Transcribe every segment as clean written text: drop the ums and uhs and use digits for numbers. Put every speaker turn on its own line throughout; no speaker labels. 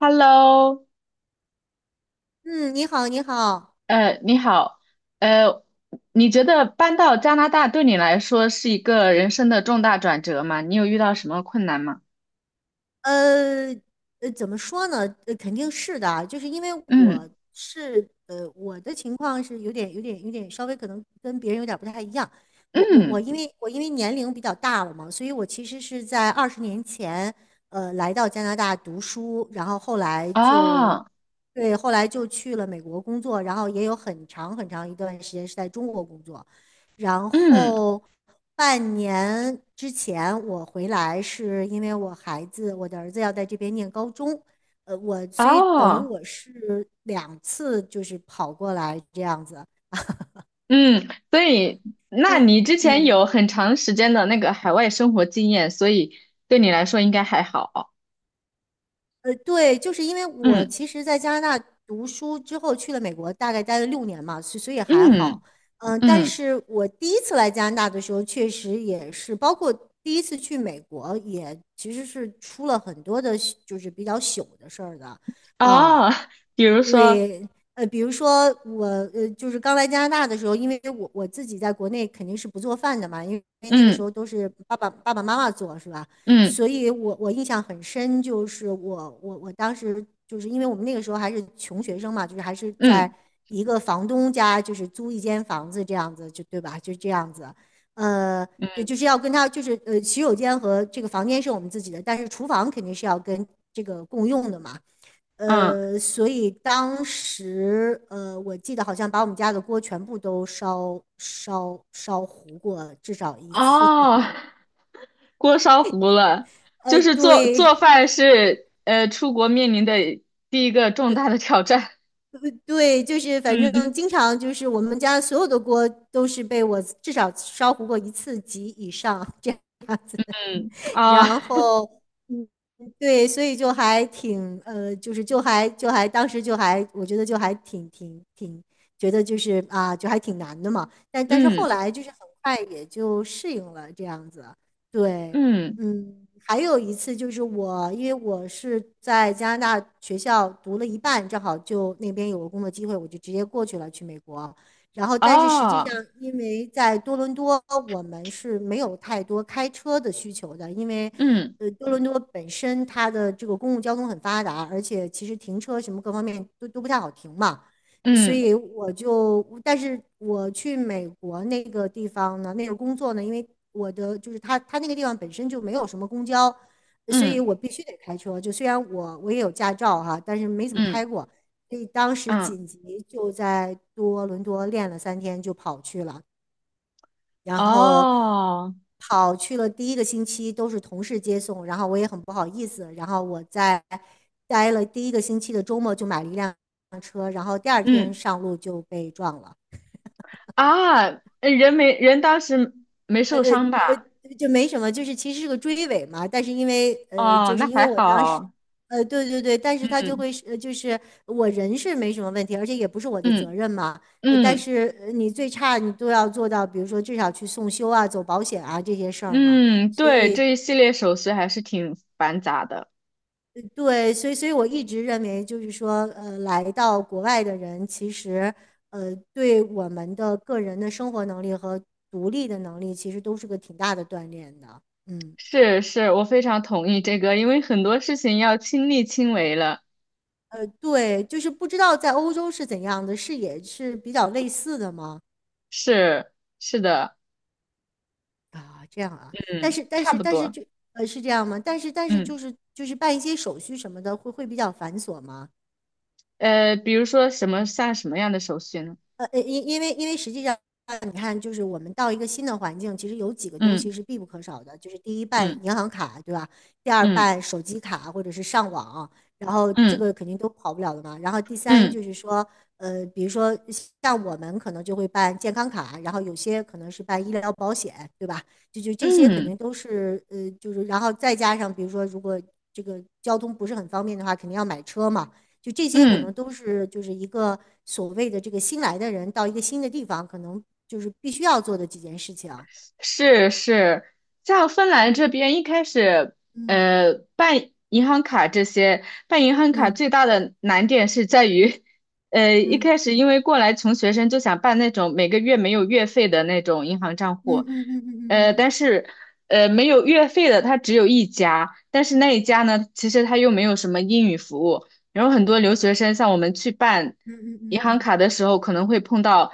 Hello，
嗯，你好，你好，
你好，呃，你觉得搬到加拿大对你来说是一个人生的重大转折吗？你有遇到什么困难吗？
呃，怎么说呢？肯定是的啊，就是因为
嗯
我是，我的情况是有点稍微可能跟别人有点不太一样。我、我、我，
嗯，
因为我因为年龄比较大了嘛，所以我其实是在20年前，来到加拿大读书，然后后来就，
哦，
对，后来就去了美国工作，然后也有很长很长一段时间是在中国工作。然
嗯
后半年之前我回来，是因为我孩子，我的儿子要在这边念高中，所以等于
哦，
我是两次就是跑过来这样子。
嗯，所以，那
对。
你之前
嗯。
有很长时间的那个海外生活经验，所以对你来说应该还好。
对，就是因为我
嗯
其实，在加拿大读书之后去了美国，大概待了6年嘛，所以还
嗯
好。嗯，但
嗯，
是我第一次来加拿大的时候，确实也是，包括第一次去美国，也其实是出了很多的，就是比较糗的事儿的啊。
哦，比如说，
对。比如说我，就是刚来加拿大的时候，因为我自己在国内肯定是不做饭的嘛，因为那个时
嗯
候都是爸爸妈妈做，是吧？
嗯
所以我印象很深，就是我当时就是因为我们那个时候还是穷学生嘛，就是还是在
嗯
一个房东家，就是租一间房子这样子，就对吧？就这样子，呃，也
嗯
就是要跟他就是洗手间和这个房间是我们自己的，但是厨房肯定是要跟这个共用的嘛。
嗯，
所以当时，我记得好像把我们家的锅全部都烧糊过，至少一次。
哦。锅烧糊了，就是做
对
做饭是出国面临的第一个重大的挑战。
对，就是反正经 常就是我们家所有的锅都是被我至少烧糊过一次及以上。这样。
嗯嗯嗯啊，
然后，嗯，对，所以就还挺，就是就还就还当时就还，我觉得就还挺，觉得就是啊，就还挺难的嘛。但是后
嗯
来就是很快也就适应了这样子。对。
嗯
嗯。还有一次就是我，因为我是在加拿大学校读了一半，正好就那边有个工作机会，我就直接过去了，去美国。然后，但是实际上，
啊，
因为在多伦多，我们是没有太多开车的需求的，因为，
嗯
多伦多本身它的这个公共交通很发达，而且其实停车什么各方面都不太好停嘛，所
嗯
以我就，但是我去美国那个地方呢，那个工作呢，因为我的就是他那个地方本身就没有什么公交，所以
嗯
我必须得开车，就虽然我也有驾照哈，但是没怎么
嗯
开过。所以当时
嗯
紧急就在多伦多练了3天，就跑去了，然后
哦，
跑去了第一个星期都是同事接送，然后我也很不好意思，然后我在待了第一个星期的周末就买了一辆车，然后第二天
嗯
上路就被撞了。
啊，人当时没受伤吧？
就没什么，就是其实是个追尾嘛，但是因为
哦，
就是
那
因为
还
我当时，
好。
对对对，但是他就
嗯
会是就是我人是没什么问题，而且也不是我的责
嗯
任嘛，但
嗯
是你最差你都要做到，比如说至少去送修啊、走保险啊这些事儿嘛，
嗯，
所
对，
以
这一系列手续还是挺繁杂的。
对，所以我一直认为就是说，来到国外的人其实对我们的个人的生活能力和独立的能力其实都是个挺大的锻炼的。嗯。
是是，我非常同意这个，因为很多事情要亲力亲为了。
对，就是不知道在欧洲是怎样的，是也是比较类似的吗？
是是的，
啊，这样啊，但
嗯，
是但
差
是
不
但是
多，
就是这样吗？但是
嗯，
就是办一些手续什么的，会比较繁琐吗？
比如说什么样的手续呢？
因为实际上，你看，就是我们到一个新的环境，其实有几个东西
嗯
是必不可少的，就是第一办
嗯
银行卡，对吧？第二
嗯
办手机卡或者是上网，然后这
嗯
个肯定都跑不了的嘛。然后第三
嗯
就是说，比如说像我们可能就会办健康卡，然后有些可能是办医疗保险，对吧？就这
嗯
些肯
嗯
定都是就是然后再加上比如说如果这个交通不是很方便的话，肯定要买车嘛。就这些可能
嗯。
都是就是一个所谓的这个新来的人到一个新的地方，可能就是必须要做的几件事情。
是是，像芬兰这边一开始，
嗯
办银行卡这些，办银行卡
嗯
最大的难点是在于，一
嗯
开始因为过来穷学生就想办那种每个月没有月费的那种银行账
嗯
户，
嗯嗯嗯嗯嗯
但是没有月费的它只有一家，但是那一家呢，其实它又没有什么英语服务，然后很多留学生，像我们去办
嗯嗯
银
嗯
行
嗯，
卡的时候，可能会碰到，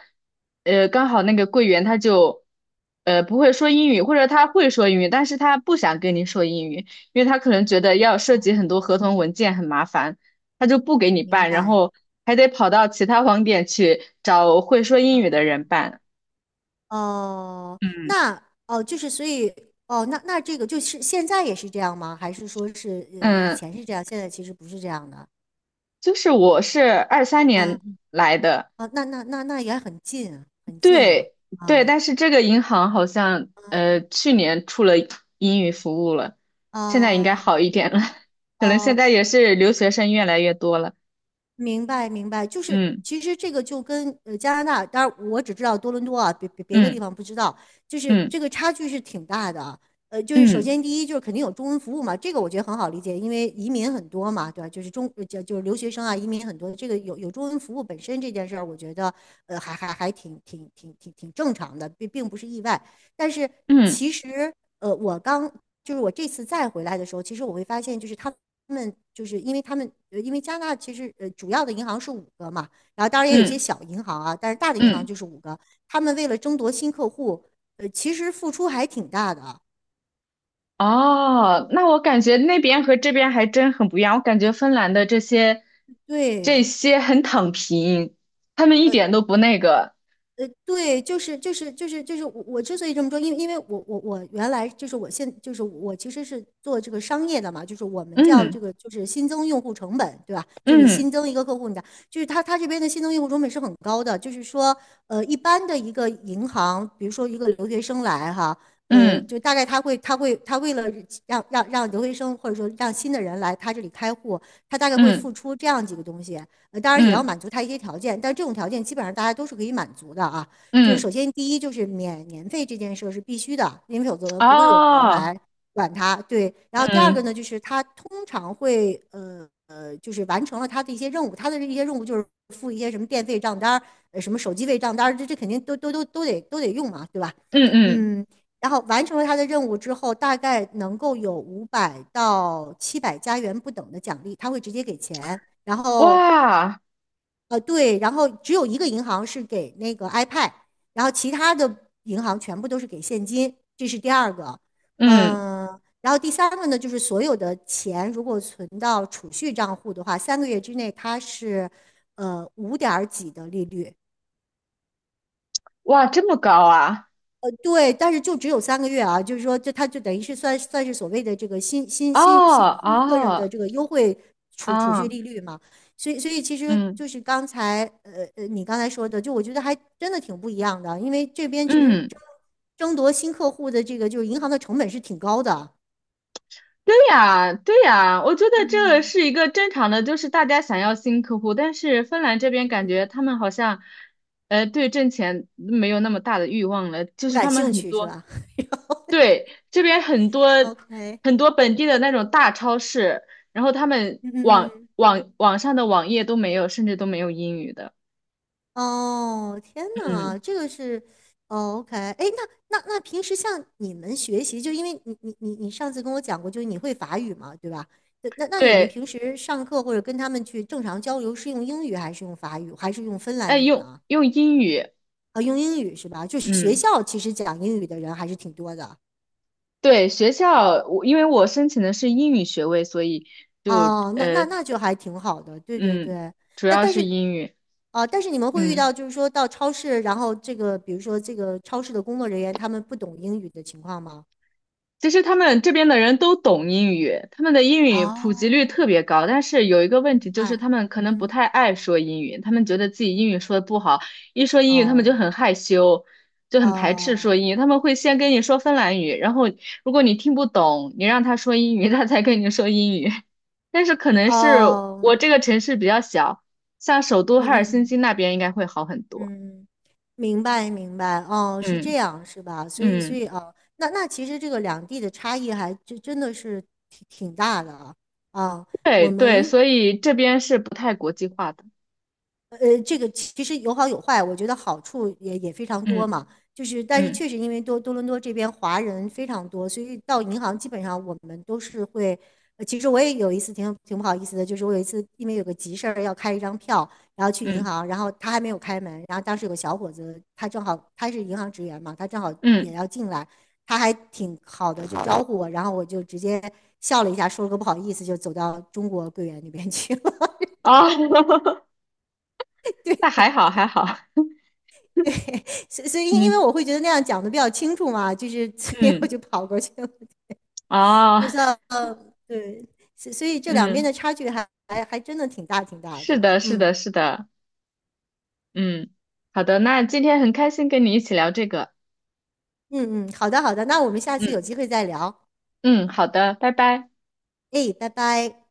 刚好那个柜员他就，不会说英语，或者他会说英语，但是他不想跟你说英语，因为他可能觉得要涉
哦，
及很多合同文件很麻烦，他就不给你
明
办，然
白。
后还得跑到其他网点去找会说英语的
哦
人办。
哦，
嗯
那哦，就是所以哦，那这个就是现在也是这样吗？还是说是以
嗯，
前是这样，现在其实不是这样的？
就是我是二三
啊
年来的。
啊，那也很近，很近了
对对，
啊
但是这个银行好像去年出了英语服务了，
啊
现在应该好一点了，可能现
哦，哦
在也是留学生越来越多了。
明白，明白，就是
嗯
其实这个就跟加拿大，当然我只知道多伦多啊，别的地
嗯
方不知道，就是
嗯
这个差距是挺大的啊。就是首
嗯
先第一就是肯定有中文服务嘛，这个我觉得很好理解，因为移民很多嘛，对吧？就是就是留学生啊，移民很多，这个有中文服务本身这件事儿，我觉得还挺正常的，并不是意外。但是
嗯
其实呃我刚就是我这次再回来的时候，其实我会发现就是他们就是因为他们，因为加拿大其实主要的银行是五个嘛，然后当然也有一些
嗯
小银行啊，但是大的银行
嗯。
就是五个。他们为了争夺新客户，其实付出还挺大的啊。
哦，那我感觉那边和这边还真很不一样。我感觉芬兰的这些这
对，
些很躺平，他们一
呃
点都不那个。
对，就是我之所以这么说，因为我原来就是就是我其实是做这个商业的嘛，就是我们叫这
嗯
个就是新增用户成本，对吧？就是你新
嗯
增一个客户，你的就是他这边的新增用户成本是很高的，就是说一般的一个银行，比如说一个留学生来哈，
嗯
就大概他为了让留学生或者说让新的人来他这里开户，他大概会付
嗯
出这样几个东西，当然也要
嗯
满足他一些条件，但这种条件基本上大家都是可以满足的啊。就是
嗯。
首先第一就是免年费这件事是必须的，因为否则不会有人
哦，
来管它。对，然后第二个
嗯。
呢，就是他通常会就是完成了他的一些任务，他的一些任务就是付一些什么电费账单什么手机费账单这肯定都得用嘛，对吧？
嗯嗯，
嗯。然后完成了他的任务之后，大概能够有500到700加元不等的奖励，他会直接给钱。然后
哇，
对，然后只有一个银行是给那个 iPad，然后其他的银行全部都是给现金，这是第二个。
嗯
嗯。然后第三个呢，就是所有的钱如果存到储蓄账户的话，三个月之内它是五点儿几的利率，
哇，这么高啊！
对，但是就只有三个月啊，就是说，这他就等于是算是所谓的这个新新
哦
新新新客人的
哦
这个优惠储蓄
啊，
利率嘛，所以其实
嗯
就是刚才你刚才说的，就我觉得还真的挺不一样的，因为这边其实
嗯，
争夺新客户的这个就是银行的成本是挺高的。
对呀对呀，我觉得这
嗯。
是一个正常的，就是大家想要新客户，但是芬兰这边感觉
嗯。
他们好像，对挣钱没有那么大的欲望了，就
不
是
感
他们
兴
很
趣是
多，
吧
对，这边很多
？OK。
很多本地的那种大超市，然后他们
嗯嗯
网
嗯。
网网上的网页都没有，甚至都没有英语的。
哦，天呐，
嗯，
这个是，哦，OK，哎，那平时像你们学习，就因为你上次跟我讲过，就是你会法语嘛，对吧？对那你们
对，
平时上课或者跟他们去正常交流，是用英语还是用法语，还是用芬兰
哎，
语
用
呢？
用英语，
啊，用英语是吧？就是学
嗯，
校其实讲英语的人还是挺多的。
对，学校我因为我申请的是英语学位，所以就
哦，那那那就还挺好的，对对
嗯，
对。
主
但
要
但
是
是
英语，
啊，但是你们会遇到，
嗯。
就是说到超市，然后这个，比如说这个超市的工作人员他们不懂英语的情况吗？
其实他们这边的人都懂英语，他们的英语普及率
哦，
特别高，但是有一个问题
明
就是
白。
他们可能不
嗯。
太爱说英语，他们觉得自己英语说的不好，一说英语他们就
哦。
很害羞，就很排斥说
哦。
英语，他们会先跟你说芬兰语，然后如果你听不懂，你让他说英语，他才跟你说英语。但是可能是
哦。
我这个城市比较小，像首都赫
嗯嗯
尔辛
嗯
基那边应该会好很多。
嗯，明白明白，哦，是这
嗯
样是吧？所以所
嗯，
以哦，那其实这个两地的差异还真的是挺大的啊。啊，我
对对，
们
所以这边是不太国际化的。
这个其实有好有坏，我觉得好处也非常多
嗯
嘛。就是，但是
嗯。
确实因为多伦多这边华人非常多，所以到银行基本上我们都是会。其实我也有一次挺不好意思的，就是我有一次因为有个急事儿要开一张票，然后去银
嗯
行，然后他还没有开门，然后当时有个小伙子，他正好他是银行职员嘛，他正好也
嗯，
要进来，他还挺好的就招呼我，然后我就直接笑了一下，说了个不好意思，就走到中国柜员那边去了。
哦，那还好还好，
所以，因为
嗯
我会觉得那样讲的比较清楚嘛，就是 所以我
嗯，
就跑过去了，
哦，
就像对，所以这两边
嗯，
的差距还真的挺大挺大
是
的。
的，是
嗯
的，是的，嗯，好的，那今天很开心跟你一起聊这个，
嗯嗯，好的好的，那我们下次有
嗯
机会再聊。
嗯，好的，拜拜。
哎，拜拜。